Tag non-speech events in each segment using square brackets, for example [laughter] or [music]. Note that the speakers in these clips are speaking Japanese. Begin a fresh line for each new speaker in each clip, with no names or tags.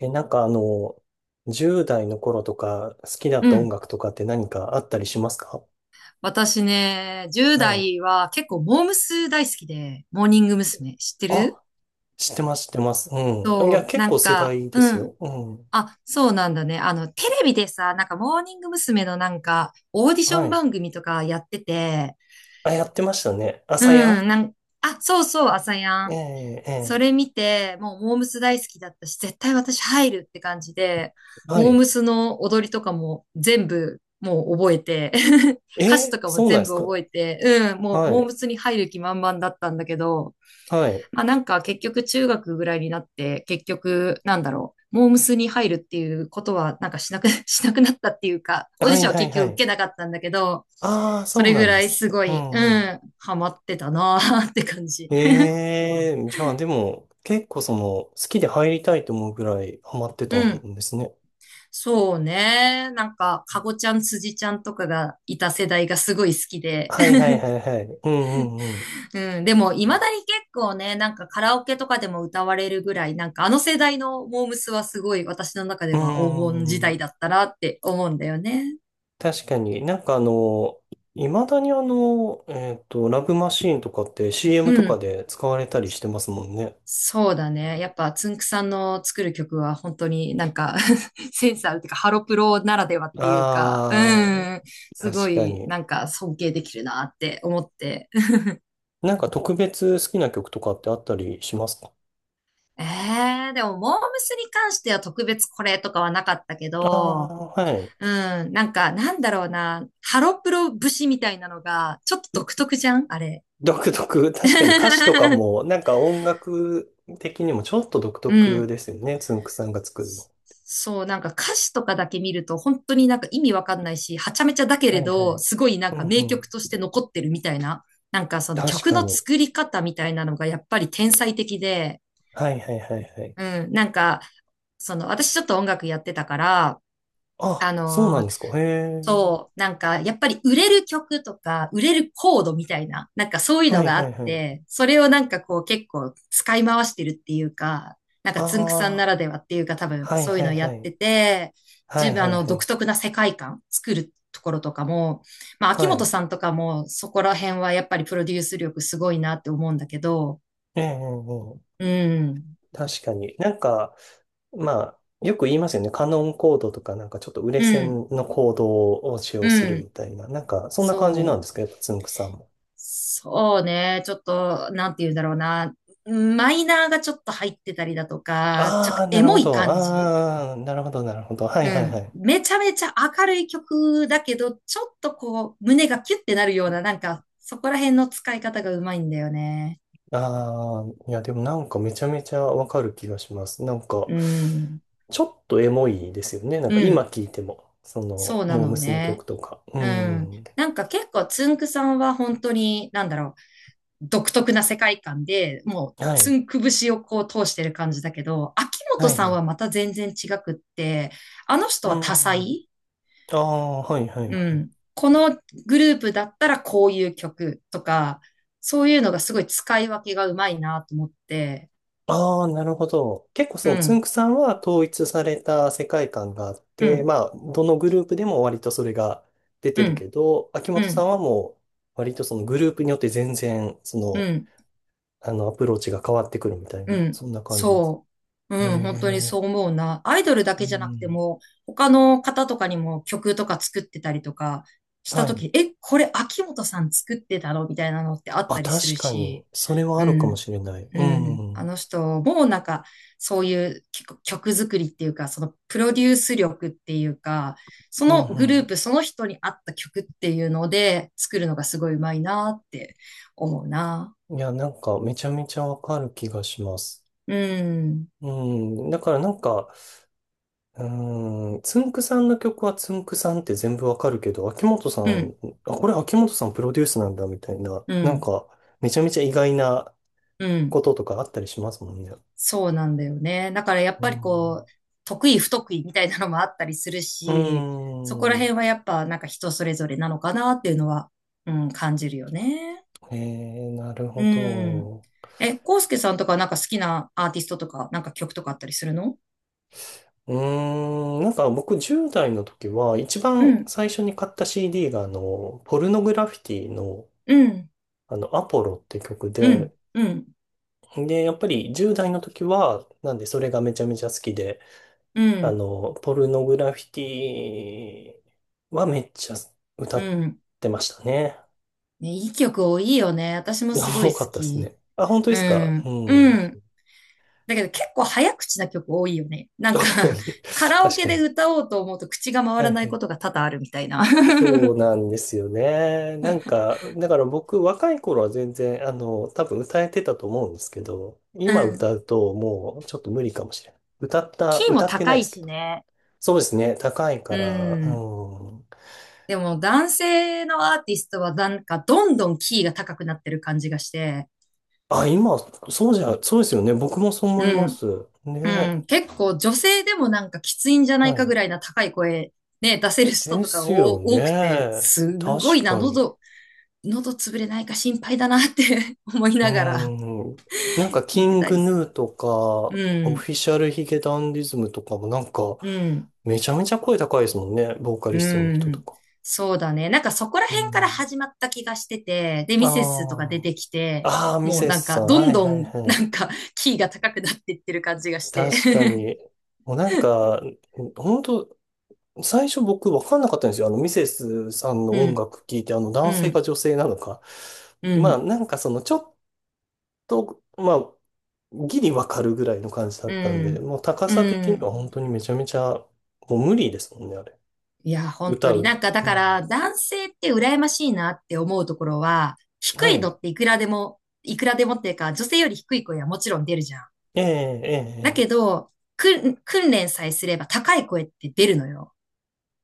なんか10代の頃とか好きだっ
う
た音
ん。
楽とかって何かあったりしますか？
私ね、10
はい。
代は結構モームス大好きで、モーニング娘。知ってる？
あ、知ってます、知ってます。うん。いや、
そう、
結
な
構
ん
世
か、
代で
う
す
ん。
よ。うん。
あ、そうなんだね。テレビでさ、なんかモーニング娘。のなんか、オーディショ
は
ン
い。
番組とかやってて、
あ、やってましたね。
う
朝や
ん、あ、そうそう、朝や
ん。
ん。
ええ、え
そ
え。
れ見て、もうモームス大好きだったし、絶対私入るって感じで、
は
モー
い。
ムスの踊りとかも全部もう覚えて、[laughs] 歌詞とかも
そうなんで
全部
すか？
覚えて、うん、もう
は
モー
い。
ムスに入る気満々だったんだけど、
はい。
まあなんか結局中学ぐらいになって、結局なんだろう、モームスに入るっていうことはなんかしなく、[laughs] しなくなったっていうか、オーデ
は
ィシ
い
ョンは
はい
結
は
局受
い。
けなかったんだけど、
ああ、
そ
そう
れ
な
ぐ
んで
らい
す
す
ね。
ご
う
い、う
んうん。
ん、ハマってたなーって感じ。
ええ、じゃあでも、結構好きで入りたいと思うぐらいハマってた
うん。
んですね。
そうね。なんか、かごちゃん、辻ちゃんとかがいた世代がすごい好きで。
はいはいはいはい。うんうんうん。
[laughs] うん。でも、未だに結構ね、なんかカラオケとかでも歌われるぐらい、なんかあの世代のモームスはすごい私の中
う
で
ー
は黄金時
ん。
代だったなって思うんだよね。
確かになんかいまだにラブマシーンとかって CM
う
とか
ん。
で使われたりしてますもんね。
そうだね。やっぱ、つんくさんの作る曲は本当になんか [laughs] センサーっていうか、ハロプロならではっていうか、う
ああ、
ん。すご
確か
い、
に。
なんか尊敬できるなって思って。
なんか特別好きな曲とかってあったりしますか？
えでも、モームスに関しては特別これとかはなかったけ
あ
ど、
あー、はい。
うん、なんか、なんだろうな、ハロプロ節みたいなのが、ちょっと独特じゃんあれ。
独特。確かに歌詞とか
[laughs]
も、なんか音楽的にもちょっと独
う
特
ん。
ですよね。つんくさんが作るの。
そう、なんか歌詞とかだけ見ると、本当になんか意味わかんないし、はちゃめちゃだけ
は
れ
いは
ど、
い。
すごいなん
うん
か
う
名曲とし
ん。
て残ってるみたいな、なんかその
確
曲
か
の
に。
作り方みたいなのがやっぱり天才的で、
はいはいはいはい。
うん、なんか、私ちょっと音楽やってたから、
あ、
あ
そうなん
の
ですか。へえ。
そう、なんか、やっぱり売れる曲とか、売れるコードみたいな、なんかそういう
は
の
い
があ
は
っ
いはい。
て、それをなんかこう結構使い回してるっていうか、なんか
あ
つんくさんなら
あ、
ではっていうか多分
はい
そういう
はい
のや
は
って
い。
て、
は
自
い
分
は
あ
い
の
は
独
い。
特な世界観作るところとかも、まあ秋
は
元
い。
さんとかもそこら辺はやっぱりプロデュース力すごいなって思うんだけど、
ええ、ええ、ええ。
うん、
確かに。なんか、まあ、よく言いますよね。カノンコードとか、なんかちょっと売れ
うん、
線のコードを使用
う
するみ
ん、
たいな。なんか、そんな感じなんで
そ
す
う。
か？やっぱつんくさんも。
そうね。ちょっと、なんて言うんだろうな。マイナーがちょっと入ってたりだとか、ちょっ
あ
と
あ、な
エ
る
モ
ほ
い
ど。
感じ。
ああ、なるほど、なるほど。は
う
いはいは
ん。
い。
めちゃめちゃ明るい曲だけど、ちょっとこう、胸がキュッてなるような、なんか、そこら辺の使い方がうまいんだよね。
ああ、いや、でもなんかめちゃめちゃわかる気がします。なんか、
うん。
ちょっとエモいですよね。なん
う
か今
ん。
聴いても、
そうな
モー
の
ムスの
ね。
曲とか。う
うん。
ん。
なんか結構、つんくさんは本当に、なんだろう。独特な世界観で、もう、
は
つ
い。
んくぶしをこう通してる感じだけど、秋元
はい
さ
は
ん
い。
はまた全然違くって、あの人
う
は
ん
多
うん。
彩。
ああ、はいはい
う
はい。
ん。このグループだったらこういう曲とか、そういうのがすごい使い分けがうまいなと思って、
ああ、なるほど。結構そ
う
のつ
ん、
んくさんは統一された世界観があっ
う
て、
ん、
まあ、どのグループでも割とそれが出て
う
る
ん、
けど、秋
う
元さん
ん、
はもう割とそのグループによって全然、
うん。
アプローチが変わってくるみたい
う
な、
ん、
そんな感じです。
そう。
へ
うん、本当にそう
え。
思うな。アイドルだ
う
けじゃなくて
ん。
も、他の方とかにも曲とか作ってたりとかした
は
と
い。
き、え、これ秋元さん作ってたのみたいなのってあっ
あ、
たり
確
する
かに、
し、
それはあ
う
るかも
ん、
しれない。う
う
ん。
ん。
う
あ
ん
の人、もうなんか、そういう曲作りっていうか、そのプロデュース力っていうか、そのグループ、
う
その人に合った曲っていうので作るのがすごいうまいなって思うな。
ん。いや、なんかめちゃめちゃわかる気がします。
うん、
うん、だからなんか、うん、つんくさんの曲はつんくさんって全部わかるけど、秋元さ
う
ん、
ん、
あ、これ秋元さんプロデュースなんだみたいな、
う
なん
ん。
か、めちゃめちゃ意外な
う
こ
ん。
ととかあったりしますもんね。
そうなんだよね。だからやっ
う
ぱりこ
ん。
う、得意不得意みたいなのもあったりする
う
し、そこら
ー
辺
ん。
はやっぱなんか人それぞれなのかなっていうのは、うん、感じるよね。
えなる
う
ほ
ん。
ど。
え、コウスケさんとかなんか好きなアーティストとか、なんか曲とかあったりするの？
うーん、なんか僕10代の時は一
う
番
ん、
最初に買った CD がポルノグラフィティの
うん、
アポロって曲
う
で、
ん、うん、
で、やっぱり10代の時は、なんでそれがめちゃめちゃ好きで、
うん、
ポルノグラフィティはめっちゃ歌っ
うん。
てましたね。
ね、いい曲多いよね。私
[laughs]
もすご
多
い好
かったです
き。
ね。あ、本当で
う
すか？う
ん、う
ん。
ん。だけど結構早口な曲多いよね。なんか
そう
[laughs]
いう、
カ
[laughs]
ラオ
確
ケ
か
で
に。
歌おうと思うと口が回
は
ら
いは
ないこ
い。
とが多々あるみたいな。[laughs]
そうなんですよね。なんか、だから僕若い頃は全然、多分歌えてたと思うんですけど、
う
今歌
ん。
うともうちょっと無理かもしれない。
キーも
歌ってな
高
いで
い
すけ
し
ど。
ね。
そうですね。高い
う
から、
ん。
うん。
でも男性のアーティストはなんかどんどんキーが高くなってる感じがして、
あ、今、そうじゃ、そうですよね。僕もそう思いま
うん。
す。
う
ね。
ん。結構女性でもなんかきついんじゃない
は
かぐ
い。
らいな高い声ね、出せる人
で
とか
す
お
よ
多くて、
ね。
すご
確
いな、
かに。
喉潰れないか心配だなって [laughs] 思い
う
ながら
ーん。なんか、
聞
キ
いて
ン
た
グ
りす
ヌーとか、
る。
オ
うん。
フィシャルヒゲダンディズムとかもなんか、
うん、
めちゃめちゃ声高いですもんね。ボーカ
う
リストの人と
ん、
か。
そうだね。なんかそこら
う
辺から
ん。
始まった気がしてて、で、ミセスとか出
ああ。
てきて、
ああ、ミ
もう
セ
なん
スさ
か
ん。
ど
は
ん
い
ど
はい
ん
は
な
い。
んか [laughs] キーが高くなっていってる感じがして。
確かに。もうなんか、本当。最初僕分かんなかったんですよ。ミセスさん
[laughs]
の
う
音
ん、
楽聴いて、男
う
性か
ん、
女性なのか。
う
まあ、
ん、
なんかちょっと、まあ、ギリ分かるぐらいの感じだ
う
ったんで、
ん、
もう高
う
さ的に
ん。
は本当にめちゃめちゃ、もう無理ですもんね、あれ。
いや、本当
歌
に
う
なん
の。
かだ
う
から
ん、
男性って羨ましいなって思うところは、低
は
いの
い。
っていくらでも、いくらでもっていうか、女性より低い声はもちろん出るじゃん。
ええええ
だ
え
け
え。
ど、訓練さえすれば高い声って出るのよ。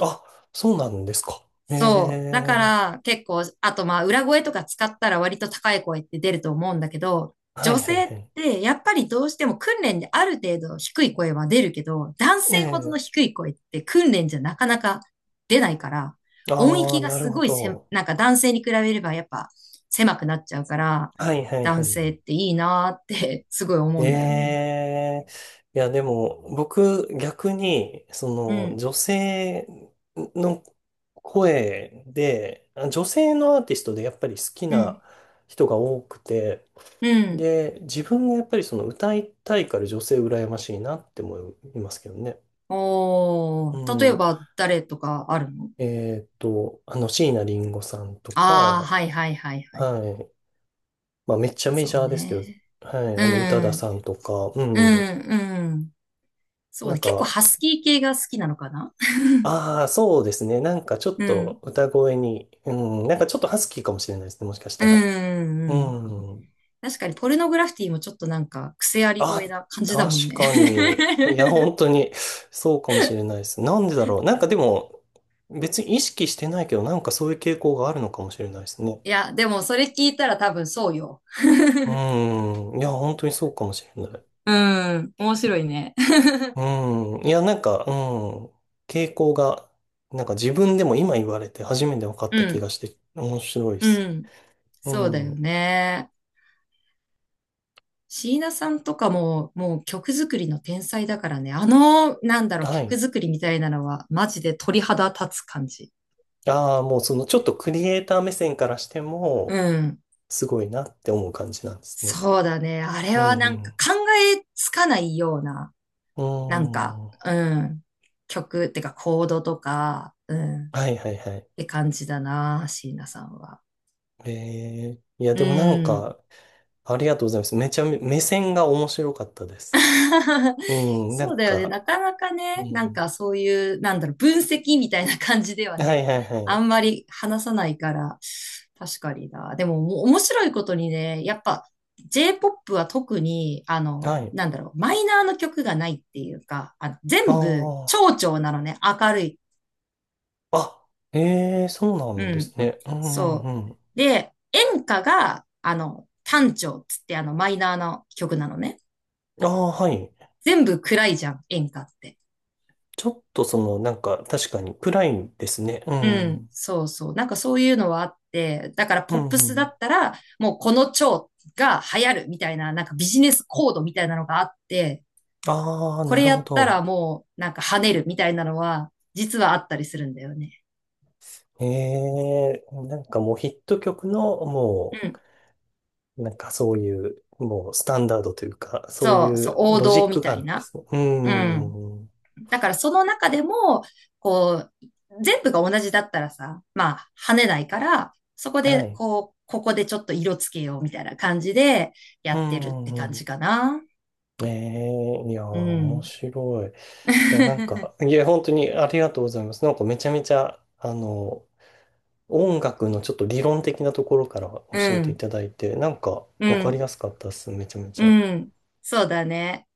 あ、そうなんですか。え
そう。だか
え。
ら結構、あとまあ裏声とか使ったら割と高い声って出ると思うんだけど、
は
女
いはい
性
は
っ
い。
てやっぱりどうしても訓練である程度低い声は出るけど、男性ほどの
ええ。
低い声って訓練じゃなかなか出ないから、音
ああ、
域が
なる
す
ほ
ごいせ、
ど。
なんか男性に比べればやっぱ狭くなっちゃうから、
はいはいは
男
い。
性っていいなーって [laughs] すごい思うんだよね。
ええ、いや、でも、僕、逆に、
うん、
女性の声で、女性のアーティストでやっぱり好き
う
な
ん、
人が多くて、
うん。
で、自分がやっぱりその歌いたいから女性羨ましいなって思いますけどね。
お
う
ー、例え
ん。
ば誰とかあるの？
椎名林檎さんと
ああー、は
か、
いはいはいはい。
はい。まあ、めっちゃメ
そ
ジ
う
ャーですけど、
ね。
はい。
う
宇多田
ん、
さんとか、う
う
ん。
ん、うん。そう
な
ね。
ん
結構
か、
ハスキー系が好きなのかな？
ああ、そうですね。なんかちょ
[laughs]
っ
う
と
ん、
歌声に、うん、なんかちょっとハスキーかもしれないですね。もしかし
う
たら。う
ん、うん。
ん。
確かにポルノグラフィティもちょっとなんか癖あり
あ、
声な感じだもん
確
ね。
かに。いや、
[laughs]
本当に、そうかもしれないです。なんでだろう。なんかでも、別に意識してないけど、なんかそういう傾向があるのかもしれないですね。
いや、でもそれ聞いたら多分そうよ。
うん。いや、本当にそうかもしれない。
うん、面白いね。[laughs]
うん。いや、なんか、うん。傾向が、なんか自分でも今言われて初めて分かっ
う
た気が
ん、
して、面白いで
う
す。
ん。
う
そうだよ
ん。
ね。椎名さんとかも、もう曲作りの天才だからね。なんだろう、
は
曲
い。
作りみたいなのは、マジで鳥肌立つ感じ。
ああ、もうそのちょっとクリエイター目線からして
う
も、
ん。
すごいなって思う感じなんですね。
そうだね。あれ
う
は
ん
なん
う
か
ん。
考えつかないような、
う
なんか、
ん。
うん。曲ってかコードとか、うん。っ
はいはいはい。
て感じだな、椎名さんは。
いや
う
でもなん
ん。
か、ありがとうございます。めちゃめ、目線が面白かったです。
[laughs]
うん、な
そう
ん
だよね。な
か、
かなか
う
ね、なん
ん。
かそういう、なんだろう、分析みたいな感じでは
は
ね、
いはいは
あ
い。
んまり話さないから、確かにな。でも、面白いことにね、やっぱ J-POP は特に、
はい。
なんだろう、マイナーの曲がないっていうか、全部、
あ
長調なのね、明るい。
あ。あ、ええー、そうな
う
んで
ん。
すね。うんう
そ
んうん。
う。で、演歌が、単調っつって、マイナーの曲なのね。
ああ、はい。
全部暗いじゃん、演歌って。
ちょっとなんか、確かに暗いですね。う
う
ん。う
ん、
ん
そうそう。なんかそういうのはあって、だから
う
ポップスだ
ん。
ったら、もうこの蝶が流行るみたいな、なんかビジネスコードみたいなのがあって、
ああ、
こ
な
れ
る
や
ほ
ったら
ど。
もうなんか跳ねるみたいなのは、実はあったりするんだよね。
ええ。なんかもうヒット曲の、
う
も
ん。
う、なんかそういう、もうスタンダードというか、そうい
そうそう、
う
王
ロジッ
道み
クが
た
ある
い
んで
な。
すね。うー
うん。
ん。
だからその中でも、こう、全部が同じだったらさ、まあ跳ねないから、そこ
は
で
い。
こう、ここでちょっと色つけようみたいな感じで
う
や
ー
ってるって感
ん。う
じ
ん。
かな。
ええ。いやー、
う
面
ん。
白い。いや、なん
[laughs]
か、いや、本当にありがとうございます。なんかめちゃめちゃ、音楽のちょっと理論的なところから教え
う
てい
ん、
ただいて、なんか
う
わかり
ん、
やすかったっす。めちゃめち
う
ゃ。
ん。そうだね。